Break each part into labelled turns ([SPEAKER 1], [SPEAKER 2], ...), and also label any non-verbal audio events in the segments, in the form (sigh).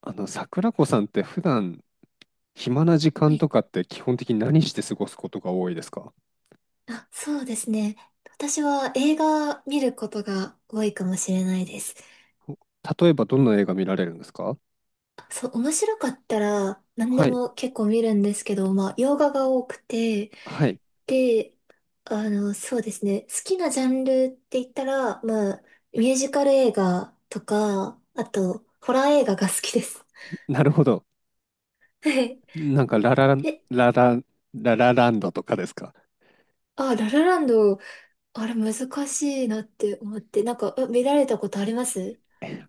[SPEAKER 1] 桜子さんって普段暇な時
[SPEAKER 2] は
[SPEAKER 1] 間
[SPEAKER 2] い。
[SPEAKER 1] とかって基本的に何して過ごすことが多いですか？
[SPEAKER 2] あ、そうですね。私は映画見ることが多いかもしれないです。
[SPEAKER 1] お、例えばどんな映画見られるんですか？
[SPEAKER 2] そう、面白かったら何で
[SPEAKER 1] はい、
[SPEAKER 2] も結構見るんですけど、まあ、洋画が多くて、
[SPEAKER 1] はい、
[SPEAKER 2] で、そうですね。好きなジャンルって言ったら、まあ、ミュージカル映画とか、あと、ホラー映画が好きです。
[SPEAKER 1] なるほど。
[SPEAKER 2] (laughs) はい。
[SPEAKER 1] なんか
[SPEAKER 2] え、
[SPEAKER 1] ララ、ララランドとかですか？
[SPEAKER 2] あ、ララランド、あれ難しいなって思って、なんか、あ見られたことあります？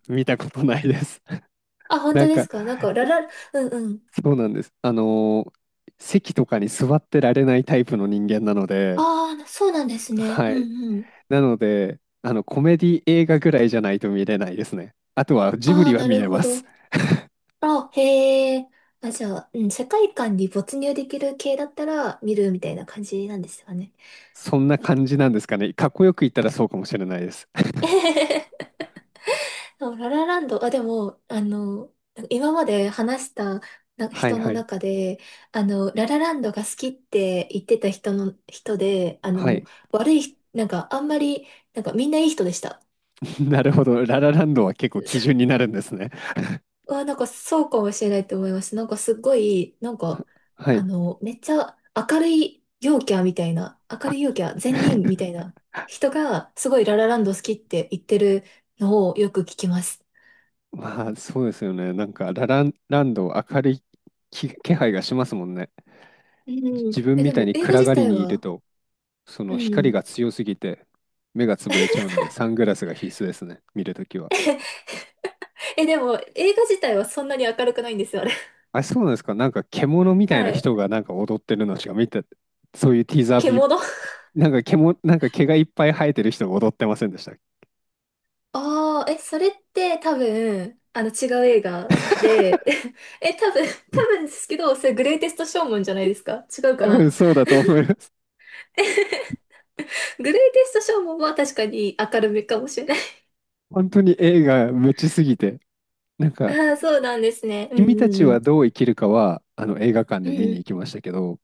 [SPEAKER 1] 見たことないです。(laughs)
[SPEAKER 2] あ、本
[SPEAKER 1] な
[SPEAKER 2] 当
[SPEAKER 1] ん
[SPEAKER 2] で
[SPEAKER 1] か、
[SPEAKER 2] すか？なんか、ラ
[SPEAKER 1] え
[SPEAKER 2] ラ、うんうん。
[SPEAKER 1] そうなんです。席とかに座ってられないタイプの人間なので、
[SPEAKER 2] ああ、そうなんですね。
[SPEAKER 1] は
[SPEAKER 2] う
[SPEAKER 1] い。
[SPEAKER 2] んうん。
[SPEAKER 1] なので、あの、コメディ映画ぐらいじゃないと見れないですね。あとはジブ
[SPEAKER 2] ああ、
[SPEAKER 1] リは
[SPEAKER 2] な
[SPEAKER 1] 見
[SPEAKER 2] る
[SPEAKER 1] れ
[SPEAKER 2] ほ
[SPEAKER 1] ます。
[SPEAKER 2] ど。あ、へえ。あ、じゃあ、うん、世界観に没入できる系だったら見るみたいな感じなんですよね。
[SPEAKER 1] そんな感じなんですかね。かっこよく言ったらそうかもしれないです。
[SPEAKER 2] (laughs)
[SPEAKER 1] (laughs)
[SPEAKER 2] でもララランド、あ、でも、今まで話したな
[SPEAKER 1] はい
[SPEAKER 2] 人の
[SPEAKER 1] はい。
[SPEAKER 2] 中で、ララランドが好きって言ってた人の、人で、
[SPEAKER 1] は
[SPEAKER 2] もう
[SPEAKER 1] い。
[SPEAKER 2] 悪い、なんか、あんまり、なんか、みんないい人でした。
[SPEAKER 1] (laughs) なるほど。ララランドは結構基準
[SPEAKER 2] (laughs)
[SPEAKER 1] になるんですね。
[SPEAKER 2] うわ、なんかそうかもしれないと思います。なんかすごい、なんか、
[SPEAKER 1] はい。
[SPEAKER 2] めっちゃ明るい陽キャみたいな、明
[SPEAKER 1] あ、
[SPEAKER 2] るい陽キャ、
[SPEAKER 1] (laughs)
[SPEAKER 2] 善人みたいな人が、すごいララランド好きって言ってるのをよく聞きます。
[SPEAKER 1] まあそうですよね。なんかララランド明るい気配がしますもんね。
[SPEAKER 2] う
[SPEAKER 1] 自
[SPEAKER 2] ん。
[SPEAKER 1] 分
[SPEAKER 2] え、
[SPEAKER 1] み
[SPEAKER 2] で
[SPEAKER 1] たい
[SPEAKER 2] も
[SPEAKER 1] に
[SPEAKER 2] 映画
[SPEAKER 1] 暗
[SPEAKER 2] 自
[SPEAKER 1] がり
[SPEAKER 2] 体
[SPEAKER 1] にいる
[SPEAKER 2] は、
[SPEAKER 1] と、そ
[SPEAKER 2] う
[SPEAKER 1] の光
[SPEAKER 2] ん。
[SPEAKER 1] が強すぎて目が潰れちゃうので、サングラスが必須ですね。見るときは。
[SPEAKER 2] え、でも映画自体はそんなに明るくないんですよ、あれ。
[SPEAKER 1] あ、そうなんですか。なんか獣み
[SPEAKER 2] (laughs)
[SPEAKER 1] たい
[SPEAKER 2] は
[SPEAKER 1] な
[SPEAKER 2] い。
[SPEAKER 1] 人がなんか踊ってるのしか見て、そういうティーザービ
[SPEAKER 2] 獣。(laughs)
[SPEAKER 1] なんか毛がいっぱい生えてる人が踊ってませんでしたっけ。
[SPEAKER 2] ああ、え、それって多分、違う映画
[SPEAKER 1] (laughs)
[SPEAKER 2] で、(laughs) え、多分ですけど、それグレイテストショーマンじゃないですか？違うか
[SPEAKER 1] 多分
[SPEAKER 2] な？
[SPEAKER 1] そうだと思います。
[SPEAKER 2] (laughs) グレイテストショーもまあ確かに明るめかもしれない。
[SPEAKER 1] 本当に映画無知すぎて。なんか、
[SPEAKER 2] ああ、そうなんですね。うん
[SPEAKER 1] 君た
[SPEAKER 2] うん
[SPEAKER 1] ち
[SPEAKER 2] う
[SPEAKER 1] は
[SPEAKER 2] ん。
[SPEAKER 1] どう生きるかは、あの映画館
[SPEAKER 2] う
[SPEAKER 1] で
[SPEAKER 2] ん
[SPEAKER 1] 見
[SPEAKER 2] う
[SPEAKER 1] に
[SPEAKER 2] ん。
[SPEAKER 1] 行きましたけど、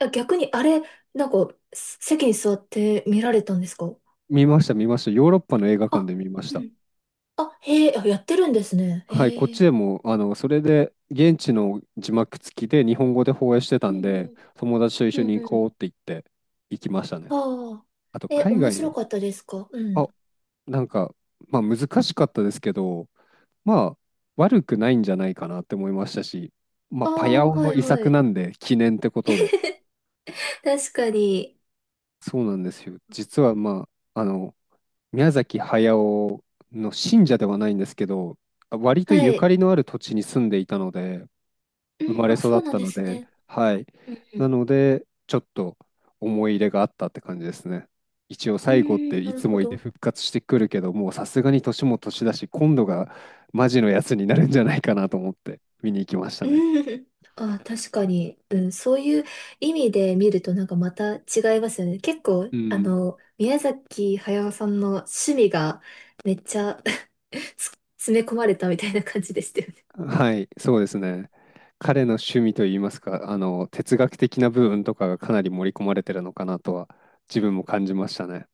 [SPEAKER 2] あ逆にあれ、なんか、席に座って見られたんですか？
[SPEAKER 1] 見ました、見ました。ヨーロッパの映画館
[SPEAKER 2] あ、
[SPEAKER 1] で見まし
[SPEAKER 2] う
[SPEAKER 1] た。
[SPEAKER 2] ん。あ、へえ、あやってるんですね。
[SPEAKER 1] はい、こっ
[SPEAKER 2] へ
[SPEAKER 1] ち
[SPEAKER 2] え。
[SPEAKER 1] でも、あの、それで、現地の字幕付きで日本語で放映してた
[SPEAKER 2] う
[SPEAKER 1] ん
[SPEAKER 2] んう
[SPEAKER 1] で、
[SPEAKER 2] ん。
[SPEAKER 1] 友達と一
[SPEAKER 2] う
[SPEAKER 1] 緒
[SPEAKER 2] ん
[SPEAKER 1] に
[SPEAKER 2] う
[SPEAKER 1] 行
[SPEAKER 2] ん。
[SPEAKER 1] こうって言って、行きましたね。
[SPEAKER 2] ああ。
[SPEAKER 1] あと、
[SPEAKER 2] え、
[SPEAKER 1] 海
[SPEAKER 2] 面白
[SPEAKER 1] 外、
[SPEAKER 2] かったですか？うん。
[SPEAKER 1] あ、なんか、まあ難しかったですけど、まあ、悪くないんじゃないかなって思いましたし、ま
[SPEAKER 2] あ
[SPEAKER 1] あ、パヤ
[SPEAKER 2] あ、
[SPEAKER 1] オ
[SPEAKER 2] は
[SPEAKER 1] の
[SPEAKER 2] い
[SPEAKER 1] 遺
[SPEAKER 2] は
[SPEAKER 1] 作
[SPEAKER 2] い。
[SPEAKER 1] なんで、記念ってことで。
[SPEAKER 2] (laughs) 確かに。
[SPEAKER 1] そうなんですよ。実は、あ、あの、宮崎駿の信者ではないんですけど、割と
[SPEAKER 2] は
[SPEAKER 1] ゆか
[SPEAKER 2] い。
[SPEAKER 1] りのある土地に住んでいたので、生
[SPEAKER 2] う
[SPEAKER 1] ま
[SPEAKER 2] ん、
[SPEAKER 1] れ
[SPEAKER 2] あ、
[SPEAKER 1] 育
[SPEAKER 2] そ
[SPEAKER 1] っ
[SPEAKER 2] うなん
[SPEAKER 1] た
[SPEAKER 2] で
[SPEAKER 1] の
[SPEAKER 2] す
[SPEAKER 1] で、
[SPEAKER 2] ね。
[SPEAKER 1] はい。
[SPEAKER 2] うんう
[SPEAKER 1] な
[SPEAKER 2] ん。
[SPEAKER 1] ので、ちょっと思い入れがあったって感じですね。一応
[SPEAKER 2] う
[SPEAKER 1] 最後っ
[SPEAKER 2] ー
[SPEAKER 1] て
[SPEAKER 2] ん、な
[SPEAKER 1] い
[SPEAKER 2] る
[SPEAKER 1] つ
[SPEAKER 2] ほ
[SPEAKER 1] もいて
[SPEAKER 2] ど。
[SPEAKER 1] 復活してくるけど、もうさすがに年も年だし、今度がマジのやつになるんじゃないかなと思って見に行きましたね。
[SPEAKER 2] うん。あ、確かに、うん、そういう意味で見るとなんかまた違いますよね。結構、
[SPEAKER 1] うん。
[SPEAKER 2] 宮崎駿さんの趣味がめっちゃ (laughs) 詰め込まれたみたいな感じでしたよね。
[SPEAKER 1] はい、そうですね。彼の趣味といいますか、あの、哲学的な部分とかがかなり盛り込まれてるのかなとは、自分も感じましたね。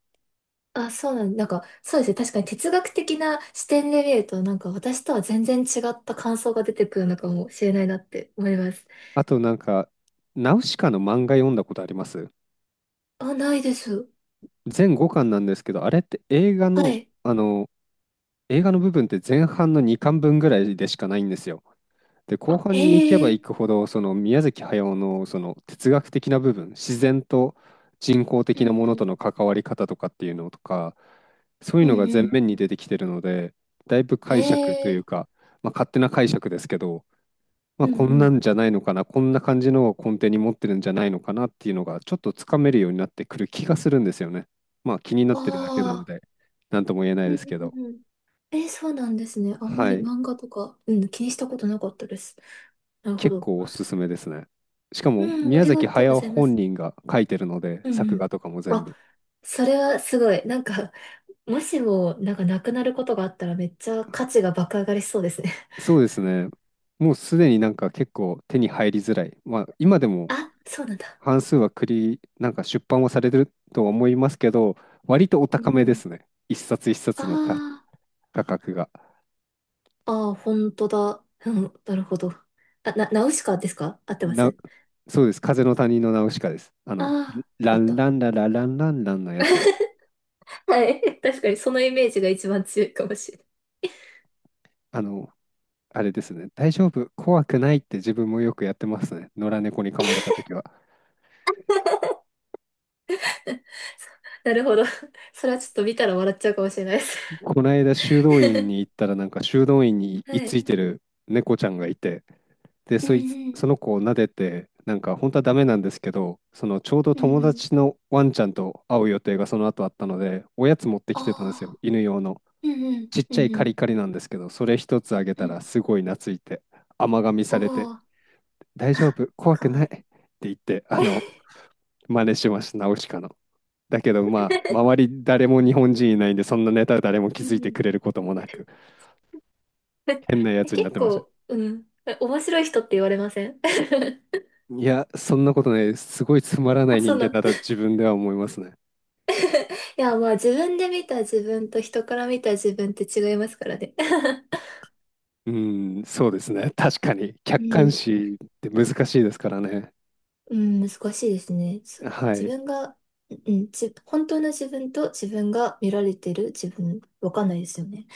[SPEAKER 2] あ、なんか、そうですね。確かに哲学的な視点で見ると、なんか私とは全然違った感想が出てくるのかもしれないなって思います。
[SPEAKER 1] あとなんか、ナウシカの漫画読んだことあります？
[SPEAKER 2] あ、ないです。
[SPEAKER 1] 全後巻なんですけど、あれって映画
[SPEAKER 2] は
[SPEAKER 1] の、
[SPEAKER 2] い。
[SPEAKER 1] あの、映画の部分って前半の2巻分ぐらいでしかないんですよ。で、後
[SPEAKER 2] あ、へ
[SPEAKER 1] 半に行けば
[SPEAKER 2] え。
[SPEAKER 1] 行くほど、その宮崎駿のその哲学的な部分、自然と人工
[SPEAKER 2] う
[SPEAKER 1] 的なも
[SPEAKER 2] んう
[SPEAKER 1] のと
[SPEAKER 2] ん、
[SPEAKER 1] の関わり方とかっていうのとか、そうい
[SPEAKER 2] う
[SPEAKER 1] う
[SPEAKER 2] ん
[SPEAKER 1] のが
[SPEAKER 2] う
[SPEAKER 1] 前
[SPEAKER 2] ん。
[SPEAKER 1] 面に出てきてるので、だいぶ
[SPEAKER 2] へ
[SPEAKER 1] 解釈という
[SPEAKER 2] え。
[SPEAKER 1] か、まあ、勝手な解釈ですけど、ま
[SPEAKER 2] う
[SPEAKER 1] あ、
[SPEAKER 2] んう
[SPEAKER 1] こんな
[SPEAKER 2] ん。
[SPEAKER 1] んじゃないのかな、こんな感じのを根底に持ってるんじゃないのかなっていうのが、ちょっとつかめるようになってくる気がするんですよね。まあ気になっ
[SPEAKER 2] あ
[SPEAKER 1] てるだけなの
[SPEAKER 2] あ。
[SPEAKER 1] で、なんとも言えない
[SPEAKER 2] うん
[SPEAKER 1] ですけど。
[SPEAKER 2] うんうん。そうなんですね。あんま
[SPEAKER 1] は
[SPEAKER 2] り
[SPEAKER 1] い。
[SPEAKER 2] 漫画とか、うん、気にしたことなかったです。なるほ
[SPEAKER 1] 結
[SPEAKER 2] ど。
[SPEAKER 1] 構おすすめですね。しかも
[SPEAKER 2] うん、あ
[SPEAKER 1] 宮
[SPEAKER 2] りが
[SPEAKER 1] 崎
[SPEAKER 2] とうご
[SPEAKER 1] 駿
[SPEAKER 2] ざいま
[SPEAKER 1] 本
[SPEAKER 2] す。
[SPEAKER 1] 人が書いてるので、
[SPEAKER 2] うんう
[SPEAKER 1] 作画
[SPEAKER 2] ん。
[SPEAKER 1] とかも全
[SPEAKER 2] あ、
[SPEAKER 1] 部。
[SPEAKER 2] それはすごい。なんか、もしも、なんかなくなることがあったらめっちゃ価値が爆上がりしそうですね。
[SPEAKER 1] そうですね。もうすでになんか結構手に入りづらい。まあ今で
[SPEAKER 2] (laughs)
[SPEAKER 1] も
[SPEAKER 2] あ、そうなんだ。
[SPEAKER 1] 半数は栗、なんか出版はされてるとは思いますけど、割とお
[SPEAKER 2] う
[SPEAKER 1] 高
[SPEAKER 2] ん
[SPEAKER 1] め
[SPEAKER 2] う
[SPEAKER 1] で
[SPEAKER 2] ん。
[SPEAKER 1] すね。一冊一冊
[SPEAKER 2] あ
[SPEAKER 1] の価格が。
[SPEAKER 2] あ、ああ、本当だ。うん、なるほど。あ、ナウシカですか？合ってま
[SPEAKER 1] な、
[SPEAKER 2] す？
[SPEAKER 1] そうです。風の谷のナウシカです。あ
[SPEAKER 2] あ
[SPEAKER 1] の、
[SPEAKER 2] あー、よか
[SPEAKER 1] ラ
[SPEAKER 2] っ
[SPEAKER 1] ン
[SPEAKER 2] た。
[SPEAKER 1] ランララランランランのやつです。
[SPEAKER 2] (laughs) はい。確かにそのイメージが一番強いかもしれない。
[SPEAKER 1] あの、あれですね。大丈夫、怖くないって自分もよくやってますね。野良猫に噛まれた時は。
[SPEAKER 2] なるほど。それはちょっと見たら笑っちゃうかもしれないです。
[SPEAKER 1] この間修道院に行っ
[SPEAKER 2] (laughs)
[SPEAKER 1] たらなんか修道院に
[SPEAKER 2] は
[SPEAKER 1] 居つ
[SPEAKER 2] い。
[SPEAKER 1] いてる猫ちゃんがいて、で
[SPEAKER 2] う
[SPEAKER 1] そいつ、そ
[SPEAKER 2] ん
[SPEAKER 1] の子を撫でて、なんか本当はダメなんですけど、そのちょうど
[SPEAKER 2] うん、う
[SPEAKER 1] 友
[SPEAKER 2] んうん。
[SPEAKER 1] 達のワンちゃんと会う予定がその後あったので、おやつ持って
[SPEAKER 2] あ
[SPEAKER 1] きてたんですよ、
[SPEAKER 2] あ、
[SPEAKER 1] 犬用の。
[SPEAKER 2] うんうん、
[SPEAKER 1] ちっ
[SPEAKER 2] う
[SPEAKER 1] ちゃい
[SPEAKER 2] んう
[SPEAKER 1] カ
[SPEAKER 2] ん、
[SPEAKER 1] リカリなんですけど、それ一つあげ
[SPEAKER 2] う
[SPEAKER 1] たら
[SPEAKER 2] ん。
[SPEAKER 1] すごい懐いて、甘噛み
[SPEAKER 2] お
[SPEAKER 1] されて
[SPEAKER 2] お、あ、
[SPEAKER 1] 「大丈夫、怖
[SPEAKER 2] か
[SPEAKER 1] く
[SPEAKER 2] わ
[SPEAKER 1] ない」
[SPEAKER 2] い
[SPEAKER 1] っ
[SPEAKER 2] い。
[SPEAKER 1] て言って、あの、真似しましたナウシカの。だけどまあ周
[SPEAKER 2] (laughs)
[SPEAKER 1] り誰も日本人いないんで、そんなネタ誰も気
[SPEAKER 2] う
[SPEAKER 1] づい
[SPEAKER 2] んう
[SPEAKER 1] て
[SPEAKER 2] ん。
[SPEAKER 1] くれることもなく。変なや
[SPEAKER 2] え
[SPEAKER 1] つにな
[SPEAKER 2] 結
[SPEAKER 1] ってまし
[SPEAKER 2] 構、
[SPEAKER 1] た。
[SPEAKER 2] うん。え面白い人って言われません？ (laughs)
[SPEAKER 1] いや、そんなことねす。ごいつまらな
[SPEAKER 2] あ、
[SPEAKER 1] い人
[SPEAKER 2] そう
[SPEAKER 1] 間
[SPEAKER 2] なの。
[SPEAKER 1] だと
[SPEAKER 2] (laughs)
[SPEAKER 1] 自分では思いますね。
[SPEAKER 2] いや、まあ自分で見た自分と人から見た自分って違いますからね。(laughs)
[SPEAKER 1] うん、そうですね。確かに。
[SPEAKER 2] う
[SPEAKER 1] 客観
[SPEAKER 2] ん
[SPEAKER 1] 視って難しいですからね。
[SPEAKER 2] うん、難しいですね。そう、
[SPEAKER 1] は
[SPEAKER 2] 自
[SPEAKER 1] い。
[SPEAKER 2] 分が、うん、うんじ、本当の自分と自分が見られてる自分、わかんないですよね。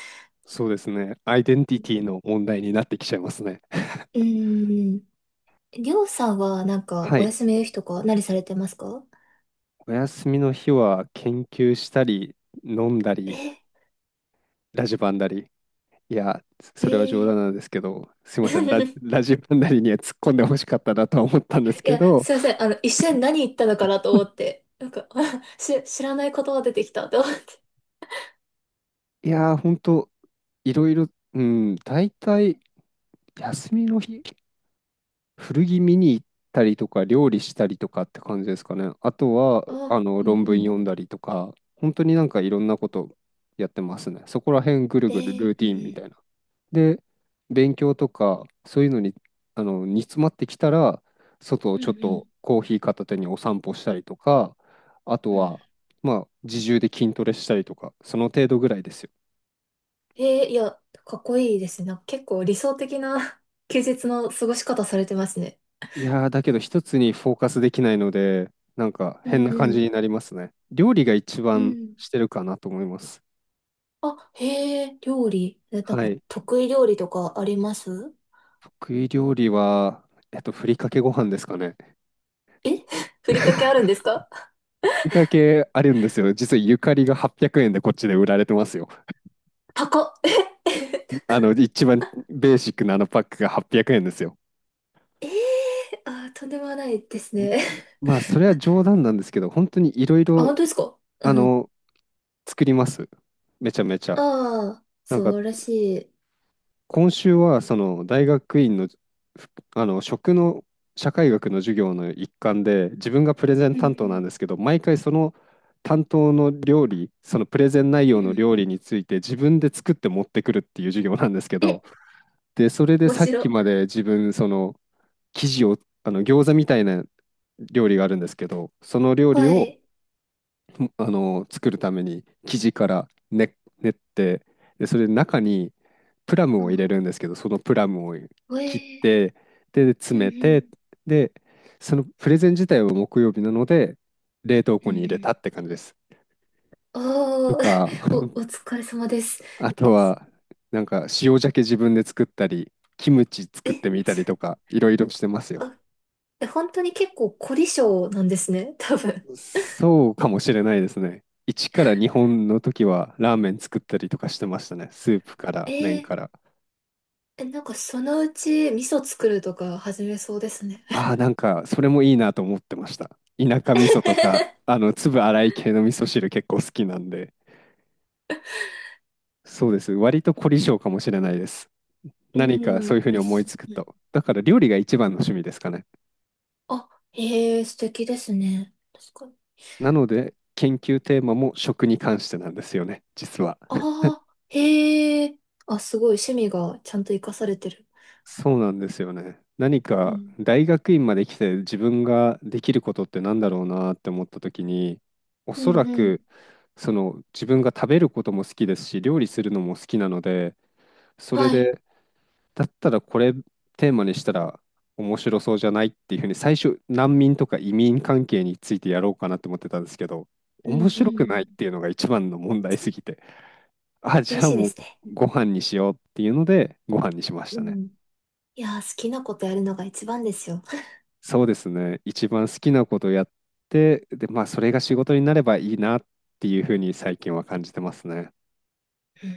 [SPEAKER 1] そうですね。アイデンティティの問題になってきちゃいますね。
[SPEAKER 2] うん。りょうさんはなんか
[SPEAKER 1] は
[SPEAKER 2] お
[SPEAKER 1] い。
[SPEAKER 2] 休みの日とか何されてますか？
[SPEAKER 1] お休みの日は研究したり、飲んだり、
[SPEAKER 2] え、
[SPEAKER 1] ラジバンだり。いや、
[SPEAKER 2] え
[SPEAKER 1] それは冗談
[SPEAKER 2] ー
[SPEAKER 1] なんですけど、すいません。
[SPEAKER 2] (laughs)
[SPEAKER 1] ラジバンダリには突っ込んでほしかったなとは思ったんです
[SPEAKER 2] い
[SPEAKER 1] け
[SPEAKER 2] や、
[SPEAKER 1] ど、
[SPEAKER 2] すいません。一瞬何言ったのかなと思って。なんか、(laughs) 知らない言葉出てきたと思って。
[SPEAKER 1] いやー、ほんと、いろいろ、うん、大体、休みの日、古着見に行ったりとか、料理したりとかって感じですかね。あとは、あ
[SPEAKER 2] あ、
[SPEAKER 1] の、
[SPEAKER 2] うん
[SPEAKER 1] 論
[SPEAKER 2] う
[SPEAKER 1] 文
[SPEAKER 2] ん。
[SPEAKER 1] 読んだりとか、本当になんかいろんなことやってますね。そこら辺ぐるぐる
[SPEAKER 2] え
[SPEAKER 1] ルーティーンみ
[SPEAKER 2] ー、
[SPEAKER 1] たいな。で、勉強とか、そういうのに、あの、煮詰まってきたら、外を
[SPEAKER 2] うんう
[SPEAKER 1] ち
[SPEAKER 2] ん。
[SPEAKER 1] ょ
[SPEAKER 2] う
[SPEAKER 1] っ
[SPEAKER 2] んうん。
[SPEAKER 1] とコーヒー片手にお散歩したりとか、あと
[SPEAKER 2] うん。
[SPEAKER 1] は、まあ、自重で筋トレしたりとか、その程度ぐらいですよ。
[SPEAKER 2] えー、いや、かっこいいですね。なんか結構理想的な (laughs) 休日の過ごし方されてますね。
[SPEAKER 1] いやー、だけど一つにフォーカスできないので、なんか
[SPEAKER 2] うん
[SPEAKER 1] 変な感じ
[SPEAKER 2] う
[SPEAKER 1] になりますね。料理が一
[SPEAKER 2] ん。う
[SPEAKER 1] 番
[SPEAKER 2] ん。
[SPEAKER 1] してるかなと思います。
[SPEAKER 2] あ、へえ、料理。え、なん
[SPEAKER 1] は
[SPEAKER 2] か
[SPEAKER 1] い。
[SPEAKER 2] 得意料理とかあります？
[SPEAKER 1] 得意料理は、えっと、ふりかけご飯ですかね。ふ
[SPEAKER 2] ふりかけあるんですか？
[SPEAKER 1] りかけあるんですよ。実はゆかりが800円でこっちで売られてますよ。
[SPEAKER 2] 高っ。え、え、
[SPEAKER 1] あ
[SPEAKER 2] 高っ、
[SPEAKER 1] の、一番ベーシックなあのパックが800円ですよ。
[SPEAKER 2] えー、あー、とんでもないですね。
[SPEAKER 1] まあ、それ
[SPEAKER 2] (laughs)
[SPEAKER 1] は
[SPEAKER 2] あ、
[SPEAKER 1] 冗談なんですけど、本当にいろい
[SPEAKER 2] あ
[SPEAKER 1] ろ、
[SPEAKER 2] 本当ですか？
[SPEAKER 1] あ
[SPEAKER 2] うん。
[SPEAKER 1] の、作ります。めちゃめちゃ。
[SPEAKER 2] ああ、
[SPEAKER 1] なん
[SPEAKER 2] 素
[SPEAKER 1] か
[SPEAKER 2] 晴らしい。
[SPEAKER 1] 今週はその大学院の、あの食の社会学の授業の一環で自分がプレゼン
[SPEAKER 2] う
[SPEAKER 1] 担当なん
[SPEAKER 2] ん
[SPEAKER 1] ですけど、毎回その担当の料理、そのプレゼン内
[SPEAKER 2] う
[SPEAKER 1] 容
[SPEAKER 2] ん。
[SPEAKER 1] の
[SPEAKER 2] うん。
[SPEAKER 1] 料理について自分で作って持ってくるっていう授業なんですけ
[SPEAKER 2] え、
[SPEAKER 1] ど、でそれで
[SPEAKER 2] 面
[SPEAKER 1] さっ
[SPEAKER 2] 白
[SPEAKER 1] き
[SPEAKER 2] い。
[SPEAKER 1] まで自分その生地を、あの、餃子みたいな料理があるんですけど、その料理
[SPEAKER 2] は
[SPEAKER 1] を
[SPEAKER 2] い。
[SPEAKER 1] あの作るために生地からね練って、でそれで中にプラムを入れ
[SPEAKER 2] あ、
[SPEAKER 1] るんですけど、そのプラムを
[SPEAKER 2] え
[SPEAKER 1] 切っ
[SPEAKER 2] ー、
[SPEAKER 1] て、で
[SPEAKER 2] う
[SPEAKER 1] 詰
[SPEAKER 2] ん
[SPEAKER 1] め
[SPEAKER 2] う
[SPEAKER 1] て、
[SPEAKER 2] ん。
[SPEAKER 1] でそのプレゼン自体は木曜日なので冷凍
[SPEAKER 2] う
[SPEAKER 1] 庫
[SPEAKER 2] んう
[SPEAKER 1] に入れた
[SPEAKER 2] ん。
[SPEAKER 1] って感じです。と
[SPEAKER 2] おー、
[SPEAKER 1] か
[SPEAKER 2] (laughs) お、
[SPEAKER 1] (laughs)
[SPEAKER 2] お疲れ様です。
[SPEAKER 1] あと
[SPEAKER 2] え、
[SPEAKER 1] はなんか塩鮭自分で作ったり、キムチ作っ
[SPEAKER 2] え、
[SPEAKER 1] てみたりとかいろいろしてますよ。
[SPEAKER 2] あ、え本当に結構凝り性なんですね、(laughs) 多分。
[SPEAKER 1] そうかもしれないですね。1から2本の時はラーメン作ったりとかしてましたね。スープか
[SPEAKER 2] え
[SPEAKER 1] ら麺
[SPEAKER 2] ー、
[SPEAKER 1] から。
[SPEAKER 2] え、なんかそのうち味噌作るとか始めそうですね。
[SPEAKER 1] ああ、なんか、それもいいなと思ってました。田舎味噌とか、あ
[SPEAKER 2] (laughs)
[SPEAKER 1] の、粒粗い系の味噌汁結構好きなんで。そうです。割と凝り性かもしれないです。
[SPEAKER 2] う
[SPEAKER 1] 何かそうい
[SPEAKER 2] ん、
[SPEAKER 1] うふうに
[SPEAKER 2] よ
[SPEAKER 1] 思い
[SPEAKER 2] し。
[SPEAKER 1] つく
[SPEAKER 2] うん。
[SPEAKER 1] と。だから料理が一番の趣味ですかね。
[SPEAKER 2] あ、へえ、素敵ですね。確かに。
[SPEAKER 1] なので、研究テーマも食に関してなんですよね、実は。
[SPEAKER 2] ああ、へえ。あ、すごい趣味がちゃんと活かされてる。
[SPEAKER 1] そうなんですよね。何
[SPEAKER 2] う
[SPEAKER 1] か
[SPEAKER 2] ん。
[SPEAKER 1] 大学院まで来て自分ができることってなんだろうなって思った時に、お
[SPEAKER 2] う
[SPEAKER 1] そら
[SPEAKER 2] んうん。
[SPEAKER 1] くその自分が食べることも好きですし、料理するのも好きなので、それ
[SPEAKER 2] はい。
[SPEAKER 1] で、だったらこれテーマにしたら面白そうじゃないっていうふうに、最初、難民とか移民関係についてやろうかなって思ってたんですけど、
[SPEAKER 2] うん
[SPEAKER 1] 面
[SPEAKER 2] うんう
[SPEAKER 1] 白くないっ
[SPEAKER 2] ん。
[SPEAKER 1] ていうのが一番の問題すぎて、(laughs) あ、じ
[SPEAKER 2] 厳
[SPEAKER 1] ゃあ
[SPEAKER 2] しいで
[SPEAKER 1] もう
[SPEAKER 2] すね。
[SPEAKER 1] ご飯にしようっていうので、ご飯にしまし
[SPEAKER 2] う
[SPEAKER 1] たね。
[SPEAKER 2] ん。いやー、好きなことやるのが一番ですよ。
[SPEAKER 1] そうですね、一番好きなことやって、で、まあ、それが仕事になればいいなっていうふうに最近は感じてますね。
[SPEAKER 2] (laughs) うん